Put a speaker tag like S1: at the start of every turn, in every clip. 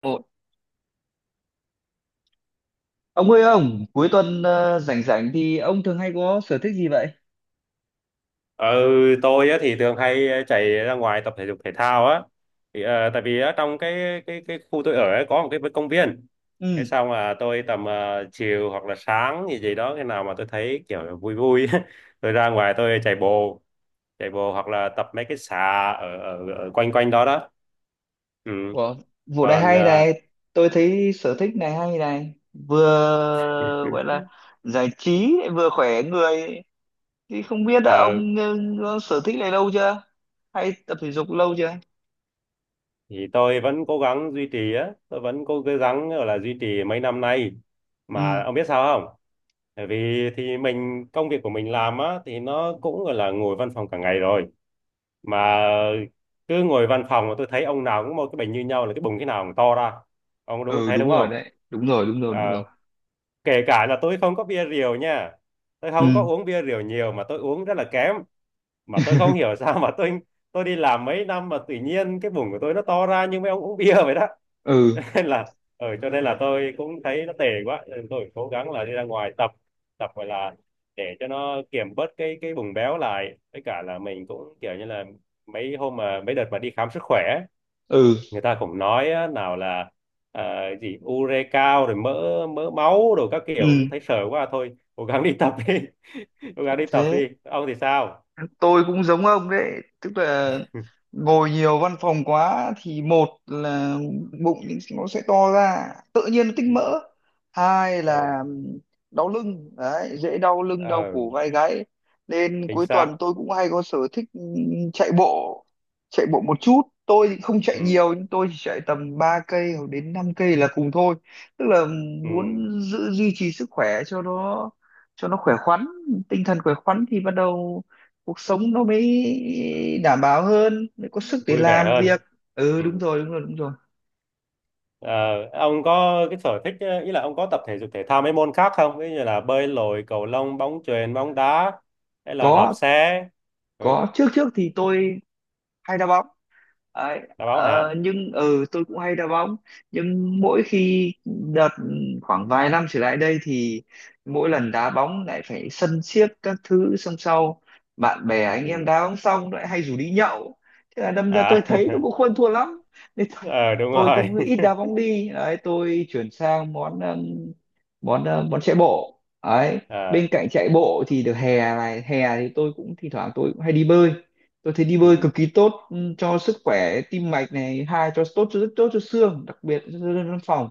S1: Ồ, ông ơi ông, cuối tuần rảnh rảnh thì ông thường hay có sở thích gì vậy?
S2: Ừ, tôi á, thì thường hay chạy ra ngoài tập thể dục thể thao á. Thì, tại vì ở trong cái khu tôi ở ấy, có một cái công viên.
S1: Ừ,
S2: Cái xong là tôi tầm chiều hoặc là sáng gì gì đó, khi nào mà tôi thấy kiểu là vui vui tôi ra ngoài tôi chạy bộ hoặc là tập mấy cái xà ở ở, ở quanh quanh đó đó. Ừ.
S1: của vụ này
S2: Còn
S1: hay này, tôi thấy sở thích này hay này, vừa gọi là giải trí vừa khỏe người. Thì không biết là
S2: ờ,
S1: ông có sở thích này lâu chưa? Hay tập thể dục lâu chưa?
S2: thì tôi vẫn cố gắng duy trì á, tôi vẫn cố gắng gọi là duy trì mấy năm nay.
S1: Ừ,
S2: Mà ông biết sao không? Bởi vì thì mình công việc của mình làm á thì nó cũng gọi là ngồi văn phòng cả ngày rồi, mà cứ ngồi văn phòng mà tôi thấy ông nào cũng một cái bệnh như nhau là cái bụng cái nào cũng to ra. Ông đúng
S1: ừ
S2: thấy đúng
S1: đúng rồi
S2: không?
S1: đấy, đúng rồi, đúng rồi, đúng
S2: À,
S1: rồi.
S2: kể cả là tôi không có bia rượu nha, tôi không có
S1: Ừ.
S2: uống bia rượu nhiều mà tôi uống rất là kém, mà tôi không hiểu sao mà tôi đi làm mấy năm mà tự nhiên cái bụng của tôi nó to ra như mấy ông uống bia vậy đó,
S1: Ừ.
S2: nên là cho nên là tôi cũng thấy nó tệ quá nên tôi cố gắng là đi ra ngoài tập, gọi là để cho nó kiểm bớt cái bùng béo lại, với cả là mình cũng kiểu như là mấy hôm mà mấy đợt mà đi khám sức khỏe ấy,
S1: Ừ.
S2: người ta cũng nói á, nào là ờ, gì ure cao rồi mỡ mỡ máu rồi các kiểu,
S1: Ừ.
S2: thấy sợ quá thôi cố gắng đi tập đi. Cố gắng đi tập
S1: Thế
S2: đi, ông thì sao?
S1: tôi cũng giống ông đấy, tức là ngồi nhiều văn phòng quá thì một là bụng nó sẽ to ra, tự nhiên nó tích
S2: Ừ,
S1: mỡ, hai
S2: ừ,
S1: là đau lưng đấy, dễ đau lưng đau
S2: ừ.
S1: cổ vai gáy, nên
S2: Chính
S1: cuối
S2: xác.
S1: tuần tôi cũng hay có sở thích chạy bộ chạy bộ một chút, tôi thì không chạy
S2: Ừ,
S1: nhiều, nhưng tôi chỉ chạy tầm 3 cây hoặc đến 5 cây là cùng thôi, tức là
S2: ừ.
S1: muốn giữ duy trì sức khỏe cho nó khỏe khoắn, tinh thần khỏe khoắn thì bắt đầu cuộc sống nó mới đảm bảo hơn, mới có sức để
S2: Vui vẻ
S1: làm
S2: hơn.
S1: việc. Ừ,
S2: Ừ.
S1: đúng rồi, đúng rồi, đúng rồi.
S2: Ờ, ông có cái sở thích, ý là ông có tập thể dục thể thao mấy môn khác không? Ví dụ như là bơi lội, cầu lông, bóng chuyền, bóng đá hay là đạp
S1: có
S2: xe. Ừ,
S1: có trước trước thì tôi hay đá bóng. Đấy,
S2: đá bóng hả?
S1: ờ, nhưng ừ tôi cũng hay đá bóng, nhưng mỗi khi đợt khoảng vài năm trở lại đây thì mỗi lần đá bóng lại phải sân siếc các thứ, xong sau bạn bè anh em
S2: Ừ.
S1: đá bóng xong lại hay rủ đi nhậu, thế là đâm ra tôi
S2: À,
S1: thấy nó cũng không thua lắm, nên tôi,
S2: ờ đúng
S1: tôi
S2: rồi.
S1: cũng ít đá bóng đi đấy, tôi chuyển sang món món ờ, món chạy bộ đấy.
S2: À,
S1: Bên cạnh chạy bộ thì được hè này, hè thì tôi cũng thỉnh thoảng tôi cũng hay đi bơi, tôi thấy đi bơi
S2: ừ,
S1: cực kỳ tốt, cho sức khỏe tim mạch này, hai cho tốt, rất tốt cho xương, đặc biệt cho dân văn phòng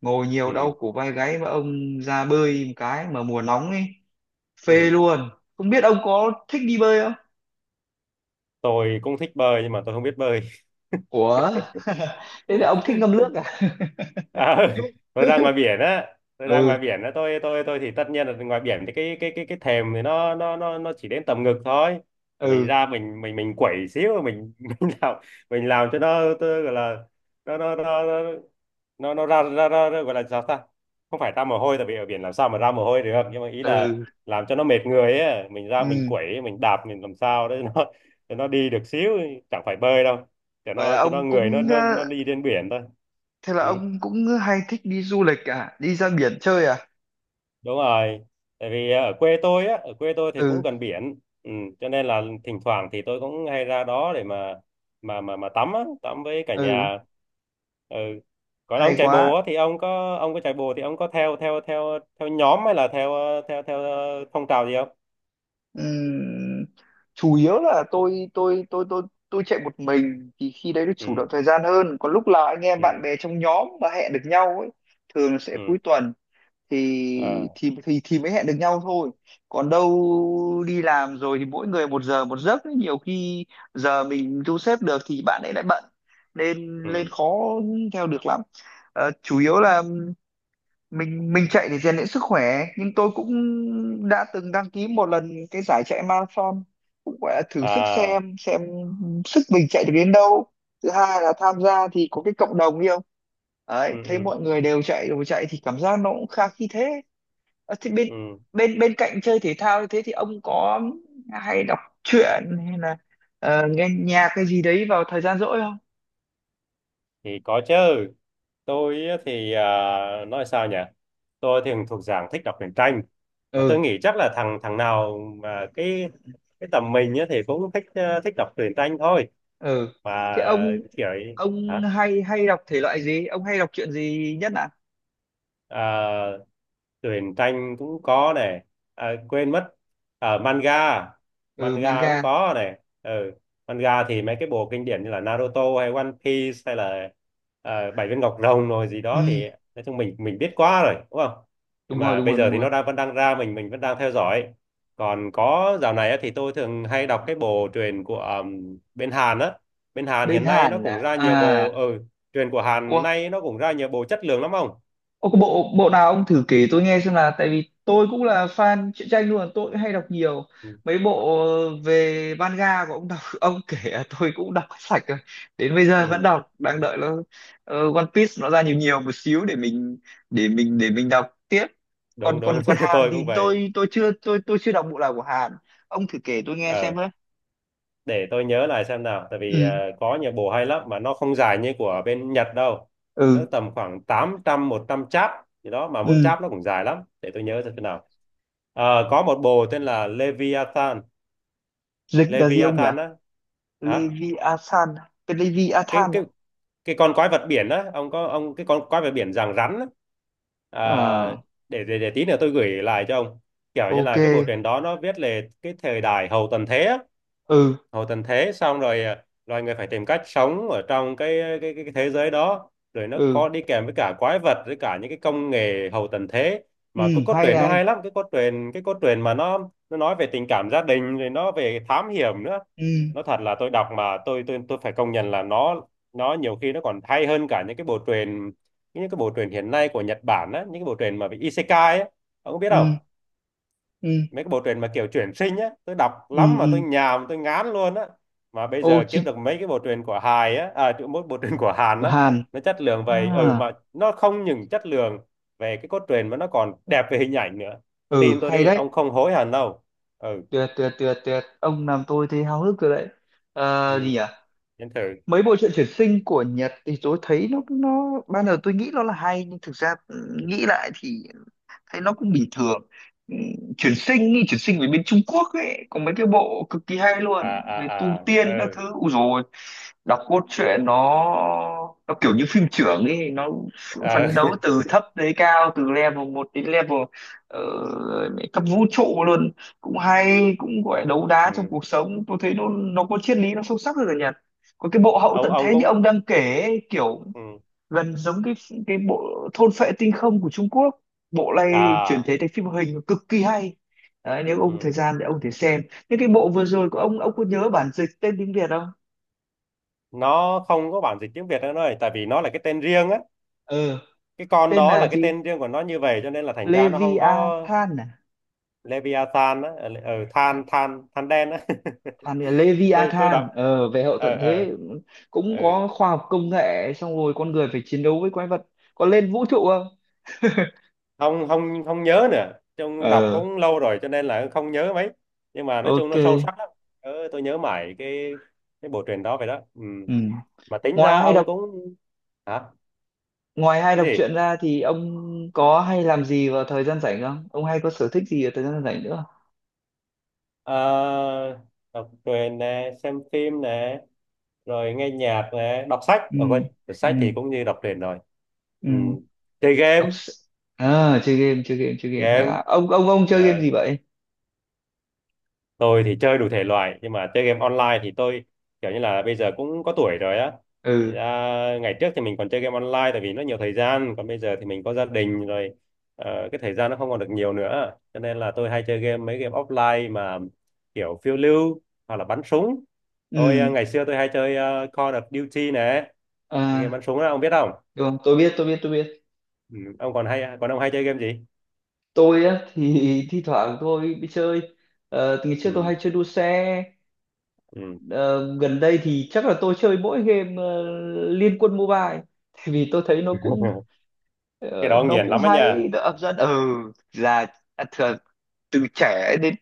S1: ngồi nhiều
S2: ừ,
S1: đau cổ vai gáy, mà ông ra bơi một cái mà mùa nóng ấy, phê
S2: ừ.
S1: luôn. Không biết ông có thích đi bơi không?
S2: Tôi cũng thích bơi nhưng mà tôi không biết bơi.
S1: Ủa? Thế là ông thích ngâm nước à?
S2: À, tôi ra ngoài
S1: Ừ.
S2: biển á, tôi thì tất nhiên là ngoài biển thì cái thềm thì nó chỉ đến tầm ngực thôi. Thì mình
S1: Ừ.
S2: ra mình quẩy xíu mình mình làm mình làm cho nó, tôi gọi là nó nó nó nó nó, nó ra, ra ra ra- gọi là sao ta? Không phải ra mồ hôi tại vì ở biển làm sao mà ra mồ hôi được, nhưng mà ý là
S1: Ừ.
S2: làm cho nó mệt người ấy, mình ra mình
S1: Ừ.
S2: quẩy, mình đạp, mình làm sao để nó đi được xíu, chẳng phải bơi đâu. Cho
S1: vậy là
S2: nó cho nó
S1: ông
S2: người nó
S1: cũng
S2: nó nó
S1: ờ,
S2: đi trên biển thôi.
S1: Thế là
S2: Ừ.
S1: ông cũng hay thích đi du lịch à, đi ra biển chơi à?
S2: Đúng rồi, tại vì ở quê tôi thì cũng
S1: Ừ.
S2: gần biển, cho nên là thỉnh thoảng thì tôi cũng hay ra đó để mà tắm với cả
S1: Ừ.
S2: nhà. Ừ. Còn ông
S1: Hay
S2: chạy bộ
S1: quá.
S2: á, thì ông có chạy bộ thì ông có theo theo theo theo nhóm hay là theo ờ, theo theo ờ, phong trào gì không?
S1: Ừm, chủ yếu là tôi chạy một mình thì khi đấy được chủ động
S2: Ừ,
S1: thời gian hơn, còn lúc là anh em bạn
S2: ừ,
S1: bè trong nhóm mà hẹn được nhau ấy, thường là sẽ cuối
S2: ừ.
S1: tuần thì
S2: À,
S1: thì thì thì mới hẹn được nhau thôi. Còn đâu đi làm rồi thì mỗi người một giờ một giấc ấy. Nhiều khi giờ mình thu xếp được thì bạn ấy lại bận, nên lên
S2: ừ.
S1: khó theo được lắm. Ờ, chủ yếu là mình chạy để rèn luyện sức khỏe, nhưng tôi cũng đã từng đăng ký một lần cái giải chạy marathon, cũng gọi là thử sức
S2: À,
S1: xem sức mình chạy được đến đâu. Thứ hai là tham gia thì có cái cộng đồng yêu, đấy,
S2: ừ,
S1: thấy
S2: ừ,
S1: mọi người đều chạy, đều chạy thì cảm giác nó cũng khá khi thế. Ờ, thì bên
S2: ừ.
S1: bên bên cạnh chơi thể thao như thế thì ông có hay đọc truyện hay là nghe nhạc cái gì đấy vào thời gian rỗi không?
S2: Thì có chứ. Tôi thì, à, nói sao nhỉ, tôi thì thuộc dạng thích đọc truyện tranh, mà
S1: Ừ.
S2: tôi nghĩ chắc là thằng thằng nào mà cái tầm mình á thì cũng thích đọc truyện tranh thôi,
S1: Ừ.
S2: và
S1: Thế ông
S2: kiểu ấy. Hả?
S1: hay hay đọc thể loại gì, ông hay đọc truyện gì nhất ạ?
S2: À, truyện tranh cũng có này, à, quên mất, ở manga.
S1: Ừ,
S2: Manga cũng
S1: manga.
S2: có này. Ừ. Manga thì mấy cái bộ kinh điển như là Naruto hay One Piece hay là Bảy viên ngọc rồng rồi gì
S1: Ừ,
S2: đó thì, nói chung mình biết quá rồi đúng không? Nhưng
S1: đúng rồi,
S2: mà
S1: đúng
S2: bây
S1: rồi,
S2: giờ
S1: đúng
S2: thì
S1: rồi.
S2: nó vẫn đang ra, mình vẫn đang theo dõi. Còn có dạo này á, thì tôi thường hay đọc cái bộ truyện của bên Hàn á. Bên Hàn
S1: Bên
S2: hiện nay nó
S1: Hàn
S2: cũng
S1: à?
S2: ra nhiều bộ,
S1: À.
S2: truyện của Hàn
S1: Ủa?
S2: nay nó cũng ra nhiều bộ chất lượng lắm không.
S1: Ô, có bộ bộ nào ông thử kể tôi nghe xem, là tại vì tôi cũng là fan truyện tranh luôn, tôi cũng hay đọc nhiều.
S2: Ừ.
S1: Mấy bộ về manga của ông đọc, ông kể là tôi cũng đọc hết sạch rồi. Đến bây giờ vẫn
S2: Ừ.
S1: đọc, đang đợi nó, One Piece nó ra nhiều nhiều một xíu để mình đọc tiếp. Còn
S2: Đúng đúng,
S1: còn còn Hàn
S2: tôi cũng
S1: thì
S2: vậy.
S1: tôi chưa đọc bộ nào của Hàn. Ông thử kể tôi nghe xem
S2: ờ
S1: với.
S2: để tôi nhớ lại xem nào, tại vì
S1: Ừ.
S2: có nhiều bộ hay lắm mà nó không dài như của bên Nhật đâu, nó
S1: Ừ.
S2: tầm khoảng tám trăm một trăm chap gì đó mà mỗi
S1: Ừ.
S2: chap nó cũng dài lắm, để tôi nhớ xem thế nào. Có một bộ tên là Leviathan.
S1: Dịch là gì ông nhỉ?
S2: Leviathan á. Hả?
S1: Leviathan, cái
S2: cái
S1: Leviathan
S2: cái
S1: đó.
S2: cái con quái vật biển á, ông cái con quái vật biển dạng rắn á. À,
S1: À,
S2: để tí nữa tôi gửi lại cho ông. Kiểu như
S1: ok.
S2: là cái bộ truyện đó nó viết về cái thời đại hậu tận thế á.
S1: Ừ.
S2: Hậu tận thế, xong rồi à, loài người phải tìm cách sống ở trong cái thế giới đó, rồi nó
S1: Ừ.
S2: có đi kèm với cả quái vật, với cả những cái công nghệ hậu tận thế,
S1: Ừ.
S2: mà cái cốt
S1: Hay
S2: truyện nó
S1: này.
S2: hay lắm. Cái cốt truyện mà nó nói về tình cảm gia đình, rồi nó về thám hiểm nữa.
S1: Ừ.
S2: Nó thật là tôi đọc mà tôi phải công nhận là nó nhiều khi nó còn hay hơn cả những cái bộ truyện hiện nay của Nhật Bản á, những cái bộ truyện mà về Isekai á, ông có biết không?
S1: Ừ. Ừ.
S2: Mấy cái bộ truyện mà kiểu chuyển sinh á, tôi đọc lắm
S1: Ừ.
S2: mà tôi
S1: Ừ.
S2: nhàm tôi ngán luôn á. Mà bây
S1: Ô
S2: giờ kiếm
S1: chị,
S2: được mấy cái bộ truyện của Hài á, à chứ mỗi bộ truyện của Hàn
S1: của
S2: á,
S1: Hàn
S2: nó chất lượng
S1: à?
S2: vậy, mà nó không những chất lượng về cái cốt truyện mà nó còn đẹp về hình ảnh nữa,
S1: Ừ,
S2: tin tôi
S1: hay
S2: đi
S1: đấy.
S2: ông không hối hận đâu. Ừ,
S1: Tuyệt, tuyệt, tuyệt, tuyệt, ông làm tôi thấy háo hức rồi đấy.
S2: ừ.
S1: Ờ, gì nhỉ,
S2: Đến thử.
S1: mấy bộ truyện chuyển sinh của Nhật thì tôi thấy nó ban đầu tôi nghĩ nó là hay, nhưng thực ra,
S2: Ừ.
S1: nghĩ lại thì thấy nó cũng bình thường. Ừ, chuyển sinh đi chuyển sinh về bên Trung Quốc ấy, có mấy cái bộ cực kỳ hay
S2: À,
S1: luôn về tu
S2: à, à,
S1: tiên các
S2: ừ.
S1: thứ. Ui, rồi đọc cốt truyện nó, kiểu như phim trưởng ấy, nó
S2: À,
S1: phấn đấu từ thấp tới cao, từ level 1 đến level cấp vũ trụ luôn. Cũng hay, cũng gọi là đấu đá trong
S2: ừ.
S1: cuộc sống, tôi thấy nó có triết lý, nó sâu sắc hơn ở Nhật. Có cái bộ hậu
S2: ông
S1: tận
S2: ông
S1: thế như ông
S2: cũng.
S1: đang kể ấy, kiểu
S2: Ừ.
S1: gần giống cái, bộ thôn phệ tinh không của Trung Quốc. Bộ này chuyển
S2: À,
S1: thể thành phim hoạt hình cực kỳ hay đấy, nếu ông có thời
S2: ừ.
S1: gian thì ông có thể xem. Những cái bộ vừa rồi của ông, có nhớ bản dịch tên tiếng Việt không?
S2: Nó không có bản dịch tiếng Việt nữa rồi, tại vì nó là cái tên riêng á,
S1: ờ
S2: cái con
S1: tên
S2: đó
S1: là
S2: là cái
S1: gì?
S2: tên riêng của nó như vậy, cho nên là thành ra nó không có.
S1: Leviathan à?
S2: Leviathan á, ở
S1: À,
S2: than than than đen á.
S1: Than là
S2: Tôi
S1: Leviathan,
S2: đọc.
S1: về hậu
S2: ờ
S1: tận
S2: ờ
S1: thế, cũng
S2: ờ
S1: có khoa học công nghệ, xong rồi con người phải chiến đấu với quái vật. Có lên vũ trụ không?
S2: không không không nhớ nữa, chung đọc
S1: Ờ,
S2: cũng lâu rồi cho nên là không nhớ mấy, nhưng mà nói chung
S1: ok.
S2: nó sâu sắc lắm. Tôi nhớ mãi cái bộ truyện đó vậy đó. Ừ.
S1: Ừ.
S2: Mà tính
S1: ngoài
S2: ra
S1: hay
S2: ông
S1: đọc
S2: cũng. Hả?
S1: Ngoài hay
S2: Cái
S1: đọc
S2: gì?
S1: truyện ra thì ông có hay làm gì vào thời gian rảnh không? Ông hay có sở thích gì vào thời gian rảnh nữa?
S2: Ờ, đọc truyện nè, xem phim nè, rồi nghe nhạc này, đọc sách,
S1: Ừ,
S2: quên, đọc
S1: ừ,
S2: sách thì cũng như đọc truyện rồi.
S1: ừ.
S2: Ừ. Chơi
S1: Đọc
S2: game.
S1: s- À, chơi game hay
S2: game
S1: là ông chơi game
S2: ờ,
S1: gì vậy?
S2: tôi thì chơi đủ thể loại, nhưng mà chơi game online thì tôi kiểu như là bây giờ cũng có tuổi rồi á. Thành
S1: Ừ,
S2: ra ngày trước thì mình còn chơi game online tại vì nó nhiều thời gian, còn bây giờ thì mình có gia đình rồi, cái thời gian nó không còn được nhiều nữa, cho nên là tôi hay chơi mấy game offline mà kiểu phiêu lưu hoặc là bắn súng. Tôi,
S1: ừ,
S2: ngày xưa tôi hay chơi, Call of Duty này, cái game
S1: à,
S2: bắn súng đó ông biết không?
S1: được không? Tôi biết, tôi biết, tôi biết.
S2: Ừ. ông còn hay Còn ông hay chơi game gì?
S1: Tôi á thì thi thoảng tôi đi chơi. Ờ, từ ngày trước tôi
S2: Ừ.
S1: hay chơi đua xe.
S2: Ừ.
S1: Ờ, gần đây thì chắc là tôi chơi mỗi game, Liên Quân Mobile, tại vì tôi thấy nó cũng,
S2: Cái
S1: Ờ,
S2: đó ông
S1: nó
S2: nghiền
S1: cũng
S2: lắm ấy nha.
S1: hay, nó hấp dẫn. Ừ, là, à, thường từ trẻ đến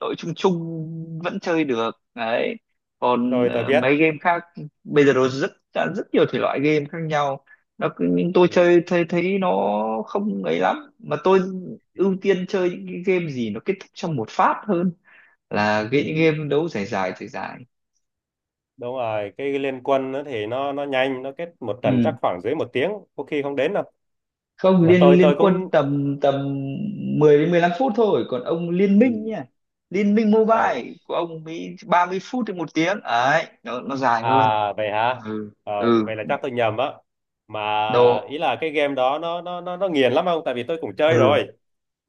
S1: đội, chung chung vẫn chơi được đấy. Còn
S2: Tôi biết.
S1: mấy game khác bây giờ nó rất rất nhiều thể loại game khác nhau. Nhưng tôi
S2: Ừ.
S1: chơi thấy thấy nó không ấy lắm, mà tôi
S2: Ừ.
S1: ưu tiên chơi những cái game gì nó kết thúc trong một phát hơn là cái những
S2: Ừ.
S1: game đấu dài dài dài dài.
S2: Đúng rồi, cái liên quân nó thì nó nhanh, nó kết một trận chắc
S1: Ừ.
S2: khoảng dưới một tiếng có khi không đến đâu.
S1: Không,
S2: Mà tôi
S1: liên liên
S2: tôi
S1: quân
S2: cũng.
S1: tầm tầm 10 đến 15 phút thôi, còn ông, liên
S2: Ừ.
S1: minh nha. Liên minh
S2: Ừ.
S1: mobile của ông mới 30 phút đến 1 tiếng ấy, nó dài hơn.
S2: À, vậy hả?
S1: Ừ.
S2: ờ,
S1: Ừ.
S2: vậy là chắc tôi nhầm á, mà
S1: Độ.
S2: ý là cái game đó nó nghiền lắm không? Tại vì tôi cũng chơi
S1: Ừ.
S2: rồi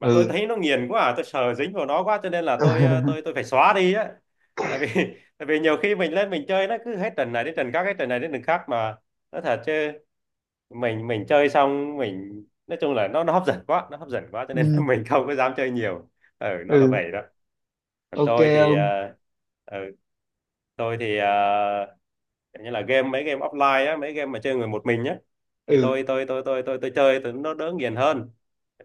S2: mà tôi
S1: Ừ.
S2: thấy nó nghiền quá, à, tôi sợ dính vào nó quá cho nên là tôi ờ, tôi phải xóa đi á. Tại vì tại vì nhiều khi mình lên mình chơi, nó cứ hết trận này đến trận khác, hết trận này đến trận khác, mà nó thật chứ, mình chơi xong mình nói chung là nó hấp dẫn quá, nó hấp dẫn quá, cho
S1: Ừ.
S2: nên là mình không có dám chơi nhiều. Ừ, nó là
S1: Ừ.
S2: vậy đó. Còn
S1: Ok
S2: tôi thì,
S1: ông.
S2: ừ, tôi thì ờ, kiểu như là mấy game offline á, mấy game mà chơi người một mình nhá.
S1: Ừ.
S2: Thì tôi chơi nó đỡ nghiền hơn,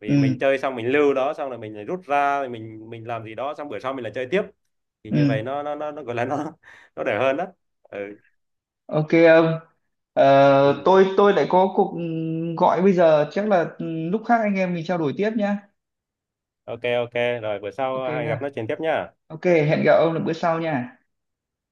S2: vì mình
S1: Ừ.
S2: chơi xong mình lưu đó xong rồi mình lại rút ra, rồi mình làm gì đó xong bữa sau mình lại chơi tiếp, thì như vậy
S1: Ừ.
S2: nó gọi là nó nó đỡ hơn đó. Ừ,
S1: Ok ông. Ờ,
S2: ừ.
S1: tôi lại có cuộc gọi bây giờ, chắc là lúc khác anh em mình trao đổi tiếp nhá.
S2: OK, OK, rồi bữa
S1: Ok,
S2: sau hãy gặp nói chuyện tiếp nhá.
S1: ok, hẹn gặp ông là bữa sau nha.